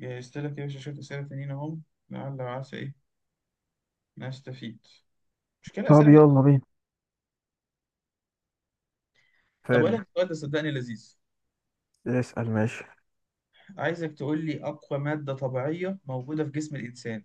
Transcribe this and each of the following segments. جهزت لك يا باشا شوية أسئلة تانيين أهم. لعل وعسى إيه نستفيد؟ مش كده طب أسئلة بقى؟ يلا بينا طب أقول لك فاد السؤال ده صدقني لذيذ. اسأل ماشي. عايزك تقول لي أقوى مادة طبيعية موجودة في جسم الإنسان.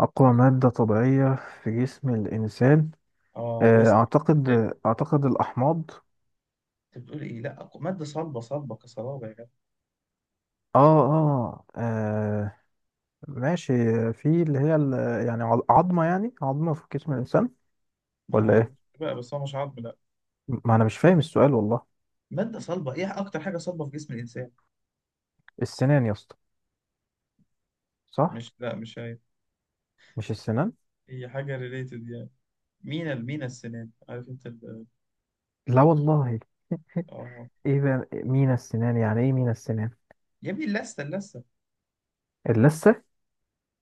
أقوى مادة طبيعية في جسم الإنسان. آه، وسع. أعتقد أعتقد الأحماض. أنت بتقول إيه؟ لا، أقوى مادة صلبة، صلبة كصلابة يا جدع. آه آه آه، ماشي. في اللي هي يعني عظمة يعني عظمة في جسم الإنسان، ما ولا أعرفش إيه؟ بقى، بس هو مش عظم لا. ما أنا مش فاهم السؤال والله. مادة صلبة، إيه أكتر حاجة صلبة في جسم الإنسان؟ السنان يا اسطى، صح؟ مش، لا مش هي. مش السنان؟ هي حاجة ريليتد يعني. مينا، المينا السنان، عارف أنت لا والله. آه إيه بقى مينا السنان، يعني إيه مينا السنان؟ يا ابني اللثة، اللثة. اللثة؟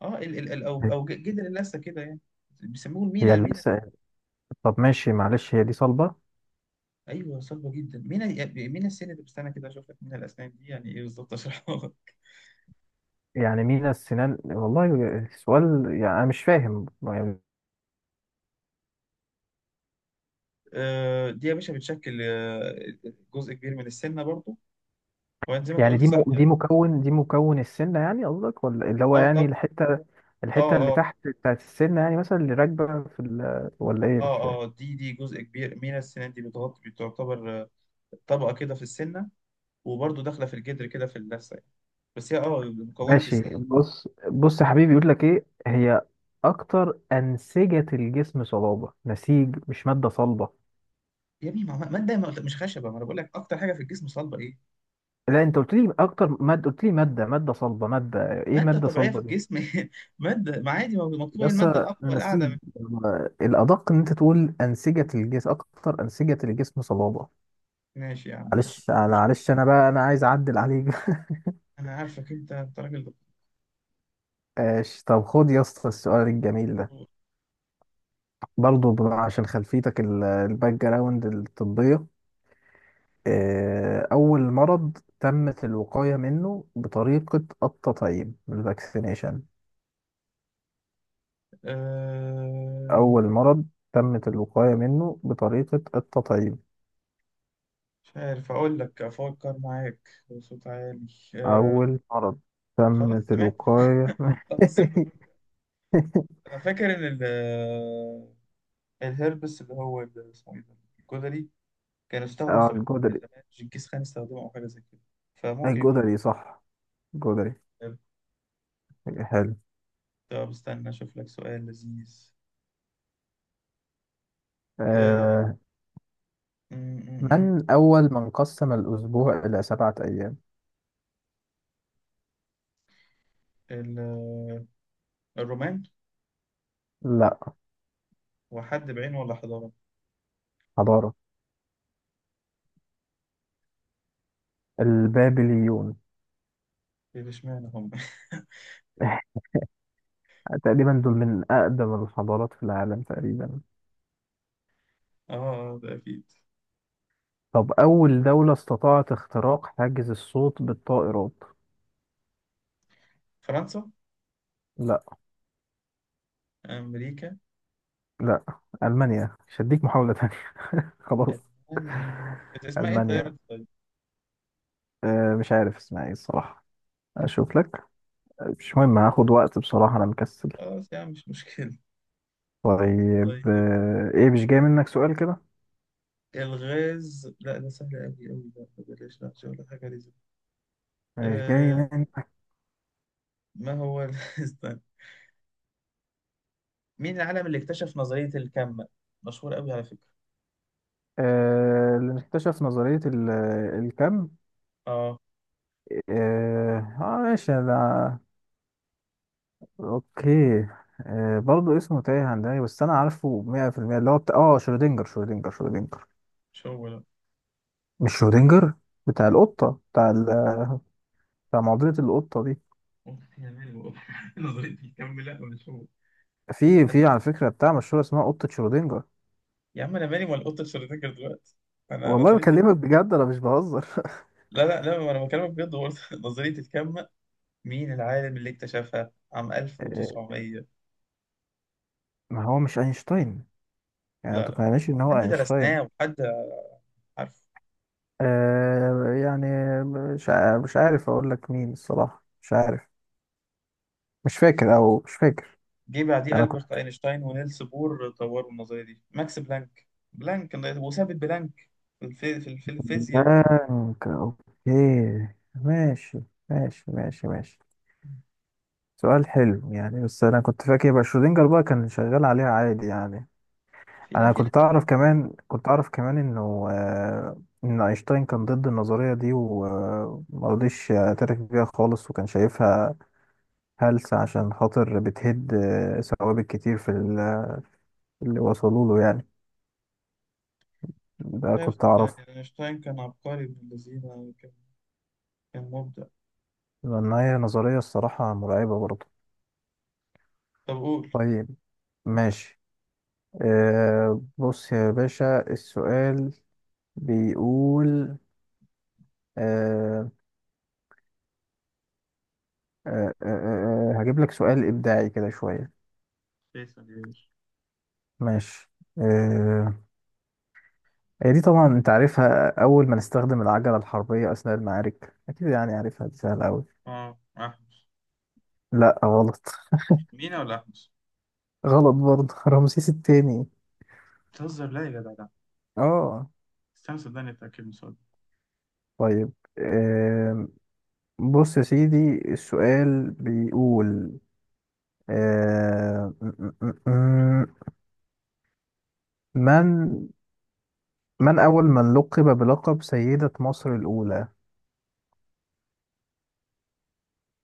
أو أو جدر اللثة كده يعني. بيسموه هي المينا، المينا. اللثة. طب ماشي، معلش هي دي صلبة. ايوه صعبه جدا. مين مين السن اللي بستنى كده اشوف لك. مين الاسنان دي يعني ايه بالظبط؟ اشرحها لك. يعني مين السنان والله. السؤال يعني انا مش فاهم. دي يا باشا بتشكل جزء كبير من السنه برضو. هو زي ما انت يعني قلت دي مو... صح دي يعني. مكون دي مكون السنه يعني قصدك، ولا اللي هو اه يعني طب. الحته، اه الحته اللي اه تحت بتاعت السنه يعني، مثلا اللي راكبه في ال... ولا ايه مش فاهم. اه دي دي جزء كبير مين السنان، دي بتغطي، بتعتبر طبقه كده في السنه، وبرضو داخله في الجدر كده في اللثه يعني. بس هي اه مكونه في ماشي، السن. بص بص يا حبيبي، يقول لك ايه هي اكتر انسجه الجسم صلابه، نسيج مش ماده صلبه. يا ابني ماده، ما قلت- مش خشبه، ما انا بقول لك اكتر حاجه في الجسم صلبه ايه. لا انت قلت لي اكتر ماده، قلت لي ماده صلبه ماده ايه، ماده ماده طبيعيه في صلبه دي. الجسم. ماده، ما عادي ما مكتوبه هي بس الماده الاقوى، القاعده. نسيج، الأدق إن أنت تقول أنسجة الجسم، أكتر أنسجة الجسم صلابة. ماشي يا عم، ماشي. معلش أنا بقى أنا عايز أعدل عليك. انا عارفك انت، أنت راجل ماشي، طب خد يا اسطى السؤال الجميل ده. دكتور. برضه عشان خلفيتك الباك جراوند الطبية. أول مرض تمت الوقاية منه بطريقة التطعيم الفاكسينيشن. أه... أول مرض تمت الوقاية منه بطريقة التطعيم. مش عارف اقول لك، افكر معاك بصوت عالي. أه... أول مرض خلاص تمت سمعت. الوقاية. خلاص سيبني أفكر. انا فاكر ان ال الهربس، اللي هو اسمه ايه ده، الجدري. كان استخدم في اه الحرب الجدري. زمان، جنكيز خان استخدمه او حاجه زي كده، فممكن يكون الجدري صح. الجدري. الهرب. حلو. طب استنى اشوف لك سؤال لذيذ. أه... آه م- م- م. من أول من قسم الأسبوع إلى سبعة أيام؟ ال- آه، الرومان. لا، هو حد بعينه ولا حضاره؟ حضارة. البابليون. إيه، اشمعنى هم؟ تقريبا دول من أقدم الحضارات في العالم تقريبا. اه، ده اكيد. طب أول دولة استطاعت اختراق حاجز الصوت بالطائرات. فرنسا. لا. أمريكا. لا. ألمانيا مش هديك محاولة تانية. خلاص. ألمانيا. كانت اسمها إيه طيب ألمانيا. الطيب؟ آه مش عارف اسمها ايه الصراحة. أشوف لك. مش مهم، هاخد وقت بصراحة أنا مكسل. خلاص يا عم مش مشكلة. طيب طيب ايه مش جاي منك سؤال كده. الغاز، لا ده سهل أوي أوي، لا ده بلاش، لا مش هقول حاجة لازم. مش جاي آه، منك. ما هو ال- استنى. مين العالم اللي اكتشف نظرية الكم؟ مشهور أوي على فكرة. آه اللي اكتشف نظرية الكم. آه، اه ماشي ده. اوكي. آه برضه اسمه تايه عن دماغي، بس انا عارفه 100%. اللي هو بتاع اه شرودنجر، شرودنجر. مش هو لا. مش شرودنجر. بتاع لا القطة، بتاع ال... بتاع معضلة القطة دي. أختي يا مالي والله. نظرية الكم، لا مش هو. في على فكرة بتاع مشهورة اسمها قطة شرودنجر. يا عم أنا مالي ولا قطة شرودنجر دلوقتي؟ أنا والله نظرية. بكلمك بجد انا مش بهزر. لا لا لا أنا بكلمك بجد، هو نظرية الكم مين العالم اللي اكتشفها عام آه، 1900؟ ما هو مش اينشتاين. يعني ما لا لا، تقنعنيش ان هو حد اينشتاين. درسناه وحد عارفه. آه يعني مش عارف اقول لك مين الصراحة، مش عارف. مش فاكر او مش فاكر. جه بعديه انا كنت ألبرت أينشتاين ونيلس بور طوروا النظرية دي. ماكس بلانك، بلانك وثابت بلانك، في الفيزياء. بلانك اوكي. ماشي ماشي ماشي ماشي. سؤال حلو يعني، بس انا كنت فاكر يبقى شرودنجر بقى كان شغال عليها عادي يعني. في لا انا في ناس. كنت اعرف كمان، كنت اعرف كمان انه آه ان اينشتاين كان ضد النظرية دي ومرضيش يعترف بيها خالص، وكان شايفها هلس عشان خاطر بتهد ثوابت كتير في اللي وصلوا له يعني. ده شايف كنت أعرفه. صدقني أينشتاين كان عبقري ابن الذين، كان كان مبدع. لأن هي نظرية الصراحة مرعبة برضه. طب قول. طيب ماشي. آه، بص يا باشا السؤال بيقول آه هجيب لك سؤال إبداعي كده شوية. فيصل يا باشا. ماشي. آه. هي دي طبعا أنت عارفها، أول ما نستخدم العجلة الحربية أثناء المعارك، أكيد يعني عارفها دي سهلة أوي. اه أحمس. لا غلط. مش مينا ولا أحمس؟ غلط برضه. رمسيس التاني. بتهزر، لا يا جدع لا. اه. استنى، صدقني اتأكد من السؤال ده. طيب آم، بص يا سيدي السؤال بيقول آه م- م- م- من، من أول من لقب بلقب سيدة مصر الأولى.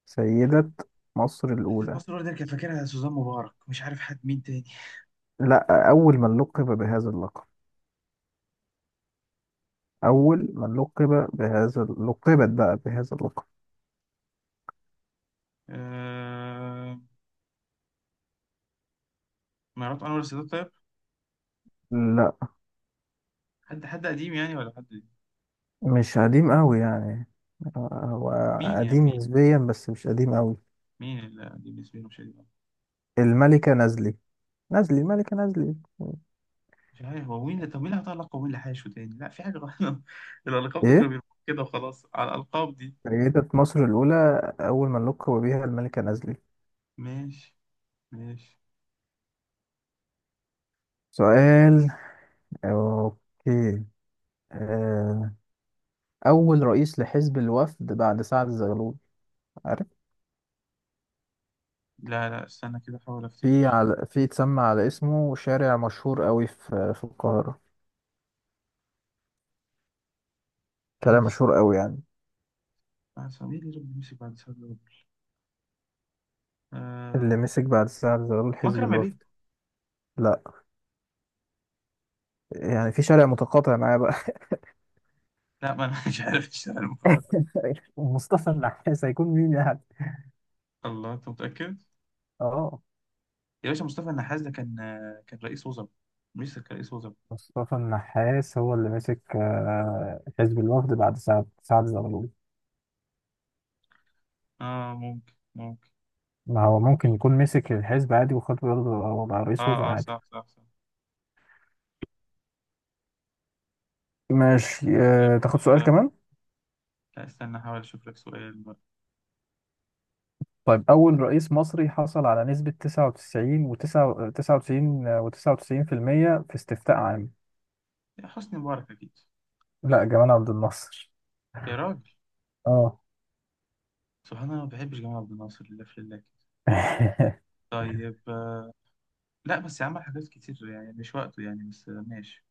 سيدة مصر نسيت، الأولى. مصر الأولى دي كان فاكرها سوزان مبارك، مش عارف حد مين تاني. لا، أول من لقب بهذا اللقب. أول من لقب بهذا، لقبت بقى بهذا اللقب. آه... مرات أنور السادات طيب؟ لا حد حد قديم يعني ولا حد؟ مش قديم أوي يعني. هو مين يعني قديم مين؟ نسبيا بس مش قديم أوي. مين اللي قديم بالنسبة له مش قديم؟ الملكة نازلي. نازلي، ملكة نازلي. مش عارف، هو مين اللي طب مين اللي هيحط لقب ومين اللي هيشو تاني؟ لا في حاجة غلط. الألقاب دي كانوا إيه بيرموها كده وخلاص على الألقاب دي. سيدة مصر الأولى، أول من لقب بها الملكة نازلي. ماشي، ماشي. سؤال. أوكي. آه، أول رئيس لحزب الوفد بعد سعد الزغلول. عارف. لا لا استنى كده أحاول في أفتكر. على اتسمى على اسمه شارع مشهور قوي في القاهرة. شارع بعد سنة، مشهور قوي يعني. بعد سنة، مين اللي ربنا يمسك بعد سنة دول؟ اللي آه... مسك بعد سعد الزغلول حزب مكرم الوفد. عبيد. لا يعني في شارع متقاطع معاه بقى. لا ما أنا مش عارف اشتغل مقدر. مصطفى النحاس هيكون مين يعني. الله، أنت متأكد؟ اه يا باشا مصطفى النحاس ده كان، كان رئيس وزراء، مش كان رئيس وزراء؟ مصطفى النحاس هو اللي مسك حزب الوفد بعد سعد زغلول. اه ممكن، ممكن. ما هو ممكن يكون مسك الحزب عادي، وخد برضه بقى رئيس وزراء اه اه عادي. صح صح صح. ماشي طيب تاخد سؤال آه، كمان. لا استنى احاول اشوف لك سؤال بقى. طيب أول رئيس مصري حصل على نسبة 99 و 99 و 99% في المية في استفتاء عام. يا حسني مبارك اكيد. لا جمال عبد الناصر. يا راجل، اه. سبحان الله، ما بحبش جمال عبد الناصر لله في لله كده. طيب لا بس عمل حاجات كتير يعني، مش وقته يعني، بس ماشي.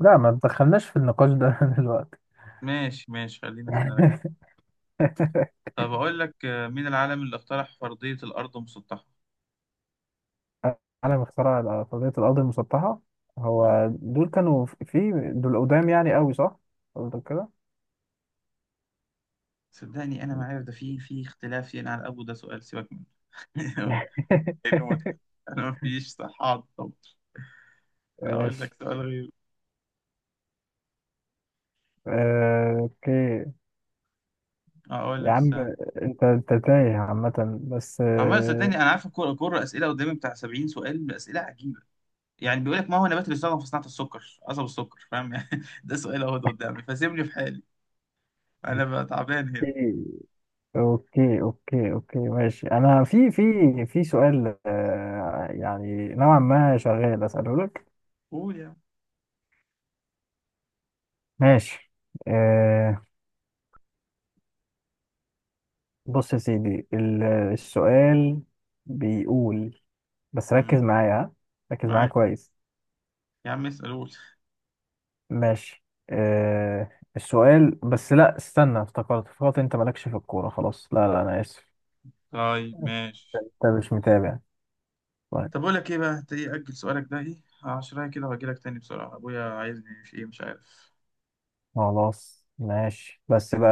لا ما تدخلناش في النقاش ده دلوقتي. ماشي ماشي، خلينا في نرجع. طب اقول لك مين العالم اللي اقترح فرضية الارض مسطحة؟ عالم اختراع فرضية الأرض المسطحة. اه هو دول كانوا في دول قدام يعني قوي صح؟ قصدك كده؟ صدقني انا ما عارف، ده في في اختلاف يعني على ابو، ده سؤال سيبك منه. لانه متعب. انا ما فيش صحة على الضبط. اقول لك ماشي سؤال غير. اوكي. اقول يا لك، عم انت تايه عامة بس عمال صدقني انا عارف الكوره، الكوره اسئله قدامي بتاع 70 سؤال، باسئله عجيبه يعني. بيقول لك ما هو النبات اللي استخدم في صناعه السكر؟ قصب السكر، فاهم يعني؟ ده سؤال اهو قدامي، فسيبني في حالي، انا بقى تعبان هنا. اوكي اوكي اوكي، ماشي انا في في سؤال يعني نوعا ما شغال اساله لك. قول يا عم. ماشي آه، بص يا سيدي السؤال بيقول، بس مم، ركز معايا ها. ركز معايا معاك. كويس. يا عم اسال، قول. ماشي آه، السؤال بس لا استنى، افتكرت انت مالكش في الكورة خلاص، لا لا انا اسف. طيب ماشي. انت مش متابع. طيب. طب اقول لك ايه بقى، انت ايه اجل سؤالك ده ايه؟ 10 كده، وهجي لك تاني بسرعه، ابويا عايزني في ايه مش عارف. خلاص ماشي بس بقى.